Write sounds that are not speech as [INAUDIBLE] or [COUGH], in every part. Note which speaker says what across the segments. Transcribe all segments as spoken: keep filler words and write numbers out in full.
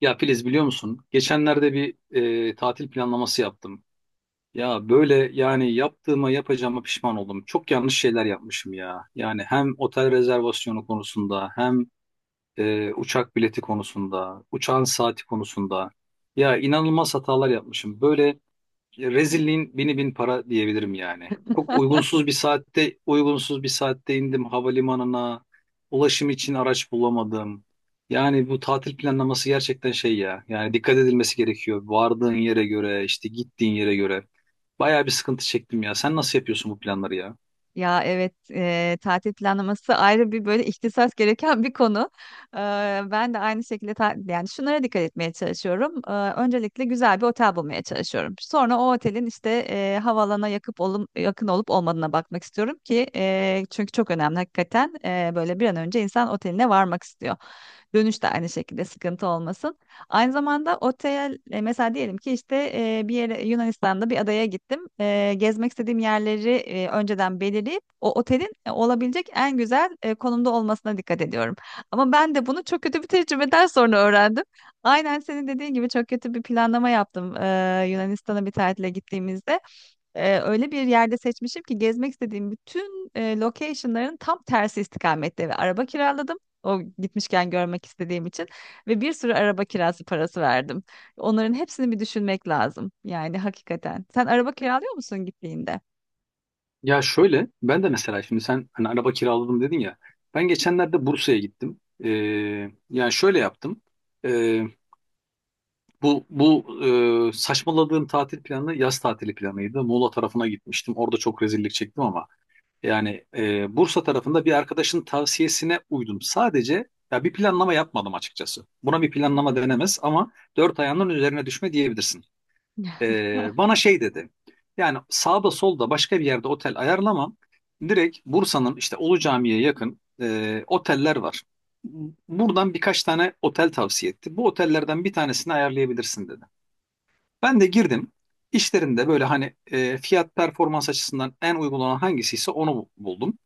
Speaker 1: Ya Filiz biliyor musun? Geçenlerde bir e, tatil planlaması yaptım. Ya böyle yani yaptığıma yapacağıma pişman oldum. Çok yanlış şeyler yapmışım ya. Yani hem otel rezervasyonu konusunda hem e, uçak bileti konusunda, uçağın saati konusunda. Ya inanılmaz hatalar yapmışım. Böyle rezilliğin bini bin para diyebilirim yani. Çok uygunsuz bir saatte, uygunsuz bir saatte indim havalimanına. Ulaşım için araç bulamadım. Yani bu tatil planlaması gerçekten şey ya. Yani dikkat edilmesi gerekiyor. Vardığın yere göre, işte gittiğin yere göre. Bayağı bir sıkıntı çektim ya. Sen nasıl yapıyorsun bu planları ya?
Speaker 2: Ya evet eee, tatil planlaması ayrı bir böyle ihtisas gereken bir konu. Eee, ben de aynı şekilde ta- yani şunlara dikkat etmeye çalışıyorum. Eee, öncelikle güzel bir otel bulmaya çalışıyorum. Sonra o otelin işte eee havalana yakıp olum, yakın olup olmadığına bakmak istiyorum ki eee, çünkü çok önemli hakikaten. Eee, böyle bir an önce insan oteline varmak istiyor. Dönüş de aynı şekilde sıkıntı olmasın. Aynı zamanda otel e, mesela diyelim ki işte e, bir yere Yunanistan'da bir adaya gittim. E, gezmek istediğim yerleri e, önceden belirleyip o otelin e, olabilecek en güzel e, konumda olmasına dikkat ediyorum. Ama ben de bunu çok kötü bir tecrübeden sonra öğrendim. Aynen senin dediğin gibi çok kötü bir planlama yaptım e, Yunanistan'a bir tatile gittiğimizde e, öyle bir yerde seçmişim ki gezmek istediğim bütün e, location'ların tam tersi istikamette ve araba kiraladım. O gitmişken görmek istediğim için ve bir sürü araba kirası parası verdim. Onların hepsini bir düşünmek lazım. Yani hakikaten. Sen araba kiralıyor musun gittiğinde?
Speaker 1: Ya şöyle, ben de mesela şimdi sen hani araba kiraladım dedin ya. Ben geçenlerde Bursa'ya gittim. Ee, yani şöyle yaptım. Ee, Bu bu e, saçmaladığım tatil planı yaz tatili planıydı. Muğla tarafına gitmiştim. Orada çok rezillik çektim ama yani e, Bursa tarafında bir arkadaşın tavsiyesine uydum. Sadece ya bir planlama yapmadım açıkçası. Buna bir planlama denemez ama dört ayağının üzerine düşme diyebilirsin. E,
Speaker 2: [LAUGHS]
Speaker 1: bana şey dedi. Yani sağda solda başka bir yerde otel ayarlamam. Direkt Bursa'nın işte Ulu Cami'ye yakın e, oteller var. Buradan birkaç tane otel tavsiye etti. Bu otellerden bir tanesini ayarlayabilirsin dedi. Ben de girdim. İşlerinde böyle hani e, fiyat performans açısından en uygun olan hangisiyse onu bu- buldum.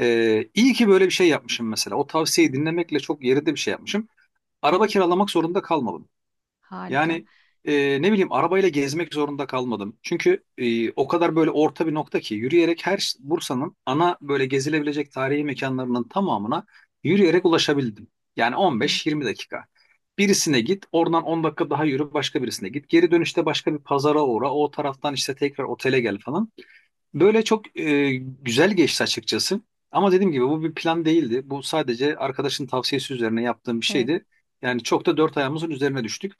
Speaker 1: E, iyi ki böyle bir şey yapmışım mesela. O tavsiyeyi dinlemekle çok yerinde bir şey yapmışım. Araba
Speaker 2: Evet,
Speaker 1: kiralamak zorunda kalmadım.
Speaker 2: harika.
Speaker 1: Yani e, ne bileyim arabayla gezmek zorunda kalmadım. Çünkü e, o kadar böyle orta bir nokta ki yürüyerek her ş- Bursa'nın ana böyle gezilebilecek tarihi mekanlarının tamamına yürüyerek ulaşabildim. Yani
Speaker 2: Evet,
Speaker 1: on beş yirmi dakika. Birisine git, oradan on dakika daha yürü, başka birisine git. Geri dönüşte başka bir pazara uğra, o taraftan işte tekrar otele gel falan. Böyle çok e, güzel geçti açıkçası. Ama dediğim gibi bu bir plan değildi. Bu sadece arkadaşın tavsiyesi üzerine yaptığım bir
Speaker 2: evet.
Speaker 1: şeydi. Yani çok da dört ayağımızın üzerine düştük.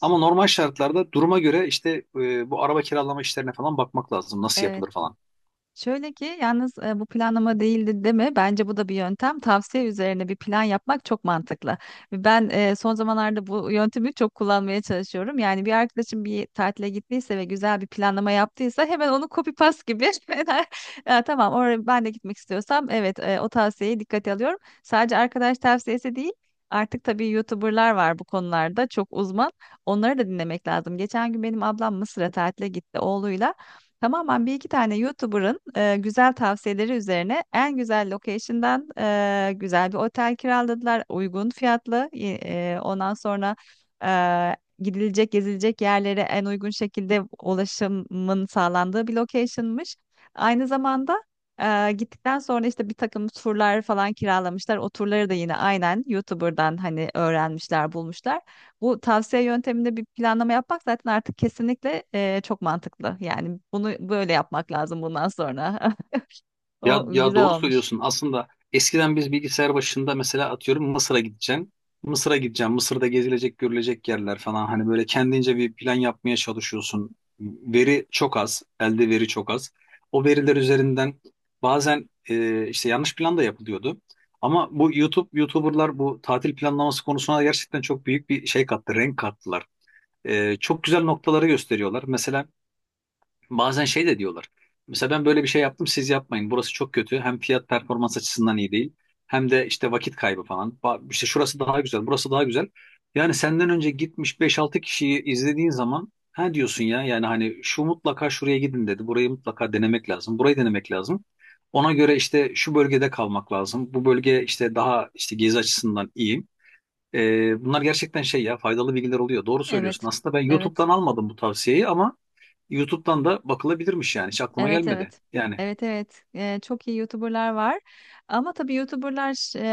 Speaker 1: Ama normal şartlarda duruma göre işte e, bu araba kiralama işlerine falan bakmak lazım. Nasıl
Speaker 2: Evet.
Speaker 1: yapılır falan.
Speaker 2: Şöyle ki yalnız e, bu planlama değildi deme. Bence bu da bir yöntem. Tavsiye üzerine bir plan yapmak çok mantıklı. Ben e, son zamanlarda bu yöntemi çok kullanmaya çalışıyorum. Yani bir arkadaşım bir tatile gittiyse ve güzel bir planlama yaptıysa hemen onu copy paste gibi. [LAUGHS] Ya tamam oraya ben de gitmek istiyorsam evet e, o tavsiyeyi dikkate alıyorum. Sadece arkadaş tavsiyesi değil. Artık tabii YouTuber'lar var bu konularda çok uzman. Onları da dinlemek lazım. Geçen gün benim ablam Mısır'a tatile gitti oğluyla. Tamamen bir iki tane YouTuber'ın e, güzel tavsiyeleri üzerine en güzel location'dan e, güzel bir otel kiraladılar. Uygun fiyatlı. Y- e, ondan sonra e, gidilecek, gezilecek yerlere en uygun şekilde ulaşımın sağlandığı bir location'mış. Aynı zamanda e, gittikten sonra işte bir takım turlar falan kiralamışlar. O turları da yine aynen YouTuber'dan hani öğrenmişler, bulmuşlar. Bu tavsiye yönteminde bir planlama yapmak zaten artık kesinlikle e, çok mantıklı. Yani bunu böyle yapmak lazım bundan sonra. [LAUGHS]
Speaker 1: Ya,
Speaker 2: O
Speaker 1: ya
Speaker 2: güzel
Speaker 1: doğru
Speaker 2: olmuş.
Speaker 1: söylüyorsun. Aslında eskiden biz bilgisayar başında mesela atıyorum Mısır'a gideceksin. Mısır'a gideceğim. Mısır'da gezilecek, görülecek yerler falan. Hani böyle kendince bir plan yapmaya çalışıyorsun. Veri çok az. Elde veri çok az. O veriler üzerinden bazen e, işte yanlış plan da yapılıyordu. Ama bu YouTube, YouTuber'lar bu tatil planlaması konusuna gerçekten çok büyük bir şey kattı, renk kattılar. E, çok güzel noktaları gösteriyorlar. Mesela bazen şey de diyorlar. Mesela ben böyle bir şey yaptım siz yapmayın. Burası çok kötü. Hem fiyat performans açısından iyi değil. Hem de işte vakit kaybı falan. Ba- İşte şurası daha güzel, burası daha güzel. Yani senden önce gitmiş beş altı kişiyi izlediğin zaman ha diyorsun ya yani hani şu mutlaka şuraya gidin dedi. Burayı mutlaka denemek lazım. Burayı denemek lazım. Ona göre işte şu bölgede kalmak lazım. Bu bölge işte daha işte gezi açısından iyi. Ee, bunlar gerçekten şey ya faydalı bilgiler oluyor. Doğru söylüyorsun.
Speaker 2: Evet.
Speaker 1: Aslında ben
Speaker 2: Evet.
Speaker 1: YouTube'dan almadım bu tavsiyeyi ama YouTube'dan da bakılabilirmiş yani. Hiç aklıma
Speaker 2: Evet,
Speaker 1: gelmedi.
Speaker 2: evet.
Speaker 1: Yani
Speaker 2: Evet, evet. Ee, çok iyi YouTuber'lar var. Ama tabii YouTuber'lar ş- e,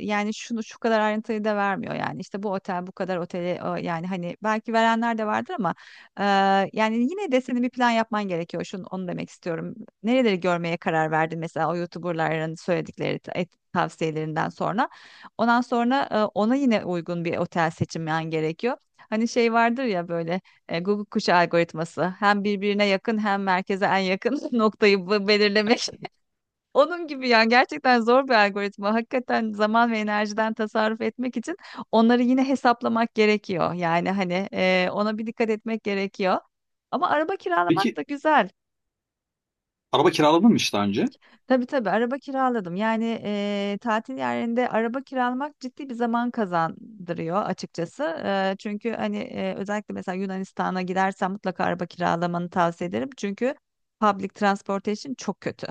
Speaker 2: yani şunu şu kadar ayrıntıyı da vermiyor yani. İşte bu otel bu kadar oteli o- yani hani belki verenler de vardır ama e, yani yine de senin bir plan yapman gerekiyor. Şunu onu demek istiyorum. Nereleri görmeye karar verdin mesela o YouTuber'ların söyledikleri ta- et- tavsiyelerinden sonra. Ondan sonra e, ona yine uygun bir otel seçmen gerekiyor. Hani şey vardır ya böyle e, Google kuşu algoritması hem birbirine yakın hem merkeze en yakın [LAUGHS] noktayı bu- belirlemek. [LAUGHS] Onun gibi yani gerçekten zor bir algoritma. Hakikaten zaman ve enerjiden tasarruf etmek için onları yine hesaplamak gerekiyor. Yani hani e, ona bir dikkat etmek gerekiyor. Ama araba kiralamak
Speaker 1: peki
Speaker 2: da güzel.
Speaker 1: araba kiraladın mı hiç daha önce?
Speaker 2: Tabii tabii, araba kiraladım. Yani eee, tatil yerinde araba kiralamak ciddi bir zaman kazandırıyor açıkçası. Eee, çünkü hani eee, özellikle mesela Yunanistan'a gidersen mutlaka araba kiralamanı tavsiye ederim. Çünkü public transportation çok kötü.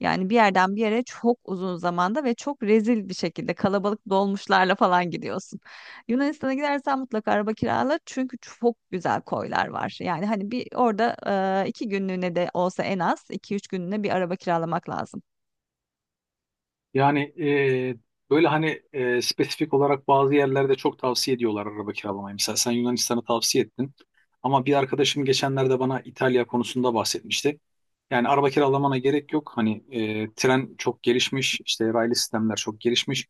Speaker 2: Yani bir yerden bir yere çok uzun zamanda ve çok rezil bir şekilde kalabalık dolmuşlarla falan gidiyorsun. Yunanistan'a gidersen mutlaka araba kirala çünkü çok güzel koylar var. Yani hani bir orada eee, iki günlüğüne de olsa en az iki üç günlüğüne bir araba kiralamak lazım.
Speaker 1: Yani e, böyle hani e, spesifik olarak bazı yerlerde çok tavsiye ediyorlar araba kiralamayı. Mesela sen Yunanistan'ı tavsiye ettin. Ama bir arkadaşım geçenlerde bana İtalya konusunda bahsetmişti. Yani araba kiralamana gerek yok. Hani e, tren çok gelişmiş, işte raylı sistemler çok gelişmiş.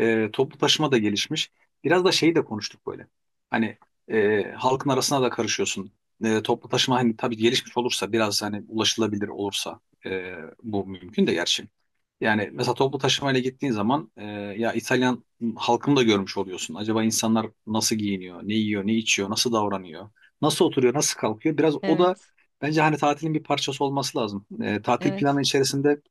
Speaker 1: E, toplu taşıma da gelişmiş. Biraz da şeyi de konuştuk böyle. Hani e, halkın arasına da karışıyorsun. E, toplu taşıma hani tabii gelişmiş olursa biraz hani ulaşılabilir olursa e, bu mümkün de gerçi. Yani mesela toplu taşımayla gittiğin zaman e, ya İtalyan halkını da görmüş oluyorsun. Acaba insanlar nasıl giyiniyor, ne yiyor, ne içiyor, nasıl davranıyor, nasıl oturuyor, nasıl kalkıyor? Biraz o da
Speaker 2: Evet.
Speaker 1: bence hani tatilin bir parçası olması lazım. E, tatil
Speaker 2: Evet.
Speaker 1: planı içerisinde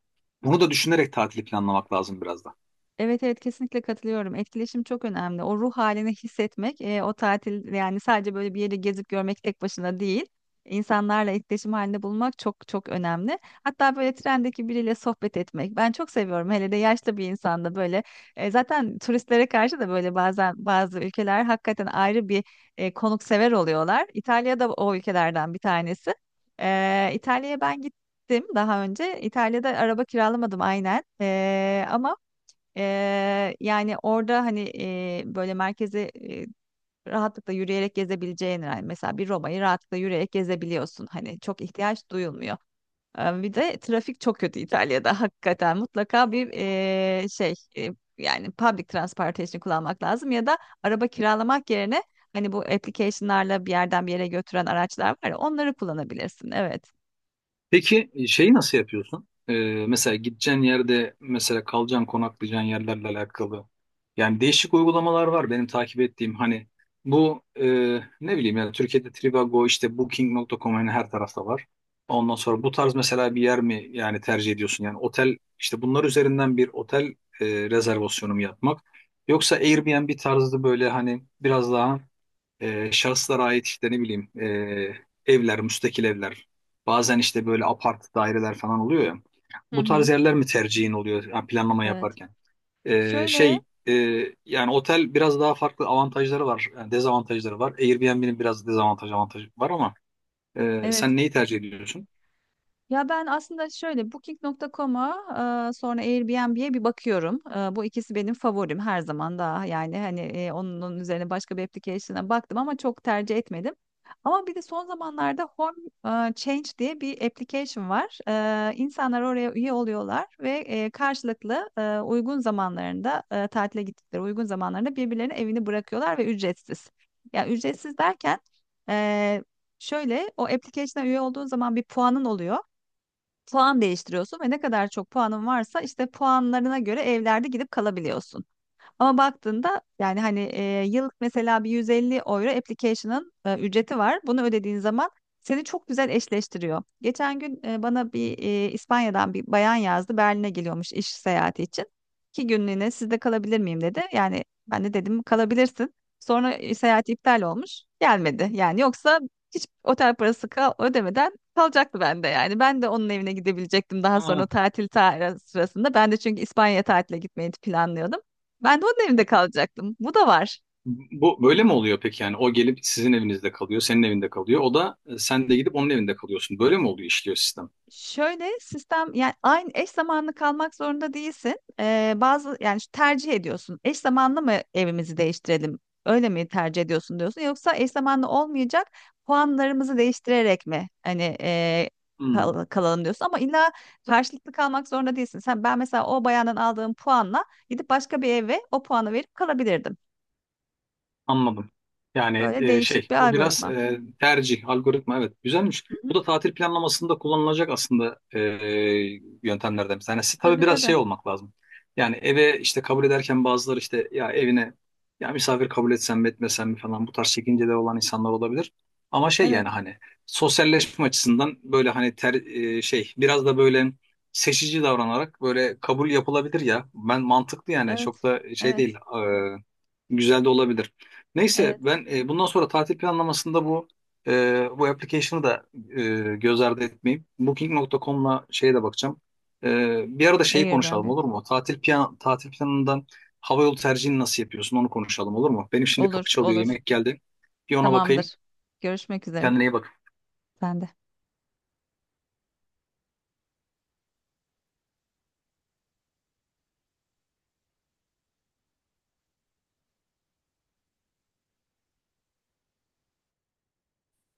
Speaker 1: bunu da düşünerek tatili planlamak lazım biraz da.
Speaker 2: Evet, evet, kesinlikle katılıyorum. Etkileşim çok önemli. O ruh halini hissetmek, e, o tatil yani sadece böyle bir yeri gezip görmek tek başına değil. İnsanlarla etkileşim halinde bulmak çok çok önemli. Hatta böyle trendeki biriyle sohbet etmek. Ben çok seviyorum. Hele de yaşlı bir insanda böyle. E, zaten turistlere karşı da böyle bazen bazı ülkeler hakikaten ayrı bir e, konuksever oluyorlar. İtalya da o ülkelerden bir tanesi. E, İtalya'ya ben gittim daha önce. İtalya'da araba kiralamadım aynen. E, ama Eee, yani orada hani eee, böyle merkezi eee, rahatlıkla yürüyerek gezebileceğin yani mesela bir Roma'yı rahatlıkla yürüyerek gezebiliyorsun. Hani çok ihtiyaç duyulmuyor. Eee, bir de trafik çok kötü İtalya'da [LAUGHS] hakikaten mutlaka bir eee, şey eee, yani public transportation kullanmak lazım ya da araba kiralamak yerine hani bu application'larla bir yerden bir yere götüren araçlar var ya onları kullanabilirsin. Evet.
Speaker 1: Peki e, şeyi nasıl yapıyorsun? Ee, mesela gideceğin yerde mesela kalacağın konaklayacağın yerlerle alakalı. Yani değişik uygulamalar var benim takip ettiğim hani bu e, ne bileyim yani Türkiye'de Trivago işte booking nokta com hani her tarafta var. Ondan sonra bu tarz mesela bir yer mi yani tercih ediyorsun? Yani otel işte bunlar üzerinden bir otel e, rezervasyonu mu yapmak? Yoksa Airbnb tarzı böyle hani biraz daha e, şahıslara ait işte ne bileyim e, evler, müstakil evler. Bazen işte böyle apart daireler falan oluyor ya.
Speaker 2: Hı
Speaker 1: Bu
Speaker 2: hı.
Speaker 1: tarz yerler mi tercihin oluyor yani planlama
Speaker 2: Evet.
Speaker 1: yaparken? E,
Speaker 2: Şöyle
Speaker 1: şey e, yani otel biraz daha farklı avantajları var, yani dezavantajları var. Airbnb'nin biraz dezavantaj avantajı var ama e,
Speaker 2: evet.
Speaker 1: sen neyi tercih ediyorsun?
Speaker 2: Ya ben aslında şöyle booking nokta com'a e, sonra Airbnb'ye bir bakıyorum. E, bu ikisi benim favorim her zaman daha. Yani hani e, onun onun üzerine başka bir application'a baktım ama çok tercih etmedim. Ama bir de son zamanlarda Home e, Change diye bir application var. E, insanlar oraya üye oluyorlar ve e, karşılıklı e, uygun zamanlarında e, tatile gittikleri uygun zamanlarında birbirlerinin evini bırakıyorlar ve ücretsiz. Yani ücretsiz derken e, şöyle o application'a üye olduğun zaman bir puanın oluyor, puan değiştiriyorsun ve ne kadar çok puanın varsa işte puanlarına göre evlerde gidip kalabiliyorsun. Ama baktığında yani hani e, yıllık mesela bir yüz elli euro application'ın e, ücreti var. Bunu ödediğin zaman seni çok güzel eşleştiriyor. Geçen gün e, bana bir e, İspanya'dan bir bayan yazdı. Berlin'e geliyormuş iş seyahati için. İki günlüğüne sizde kalabilir miyim dedi. Yani ben de dedim kalabilirsin. Sonra e, seyahat iptal olmuş. Gelmedi. Yani yoksa hiç otel parası ka- ödemeden kalacaktı bende yani. Ben de onun evine gidebilecektim daha
Speaker 1: Ha,
Speaker 2: sonra tatil ta- sırasında. Ben de çünkü İspanya tatile gitmeyi planlıyordum. Ben de onun evinde kalacaktım. Bu da var.
Speaker 1: bu böyle mi oluyor peki yani o gelip sizin evinizde kalıyor, senin evinde kalıyor. O da e, sen de gidip onun evinde kalıyorsun. Böyle mi oluyor işliyor sistem?
Speaker 2: Şöyle sistem, yani aynı eş zamanlı kalmak zorunda değilsin. Ee, bazı yani şu tercih ediyorsun. Eş zamanlı mı evimizi değiştirelim? Öyle mi tercih ediyorsun diyorsun, yoksa eş zamanlı olmayacak puanlarımızı değiştirerek mi hani e,
Speaker 1: Hmm.
Speaker 2: kal- kalalım diyorsun? Ama illa karşılıklı kalmak zorunda değilsin. Sen ben mesela o bayandan aldığım puanla gidip başka bir eve o puanı verip kalabilirdim.
Speaker 1: Anladım. Yani
Speaker 2: Böyle
Speaker 1: e, şey
Speaker 2: değişik bir
Speaker 1: bu biraz
Speaker 2: algoritma.
Speaker 1: e, tercih algoritma evet güzelmiş.
Speaker 2: Hı
Speaker 1: Bu
Speaker 2: hı.
Speaker 1: da tatil planlamasında kullanılacak aslında e, yöntemlerden bir tanesi. Tabii
Speaker 2: Tabii
Speaker 1: biraz
Speaker 2: tabii.
Speaker 1: şey olmak lazım. Yani eve işte kabul ederken bazıları işte ya evine ya misafir kabul etsem mi etmesem mi falan bu tarz çekinceleri olan insanlar olabilir. Ama şey
Speaker 2: Evet,
Speaker 1: yani hani sosyalleşme açısından böyle hani ter, e, şey biraz da böyle seçici davranarak böyle kabul yapılabilir ya. Ben mantıklı yani çok
Speaker 2: evet,
Speaker 1: da şey değil
Speaker 2: evet.
Speaker 1: e, güzel de olabilir. Neyse
Speaker 2: Evet.
Speaker 1: ben e, bundan sonra tatil planlamasında bu e, bu application'ı da e, göz ardı etmeyeyim. booking nokta com'la şeye de bakacağım. E, Bir arada şeyi konuşalım
Speaker 2: Airbnb.
Speaker 1: olur mu? Tatil plan tatil planından havayolu tercihini nasıl yapıyorsun onu konuşalım olur mu? Benim şimdi kapı
Speaker 2: Olur,
Speaker 1: çalıyor
Speaker 2: olur.
Speaker 1: yemek geldi. Bir ona bakayım.
Speaker 2: Tamamdır. Görüşmek üzere.
Speaker 1: Kendine iyi bak.
Speaker 2: Ben de.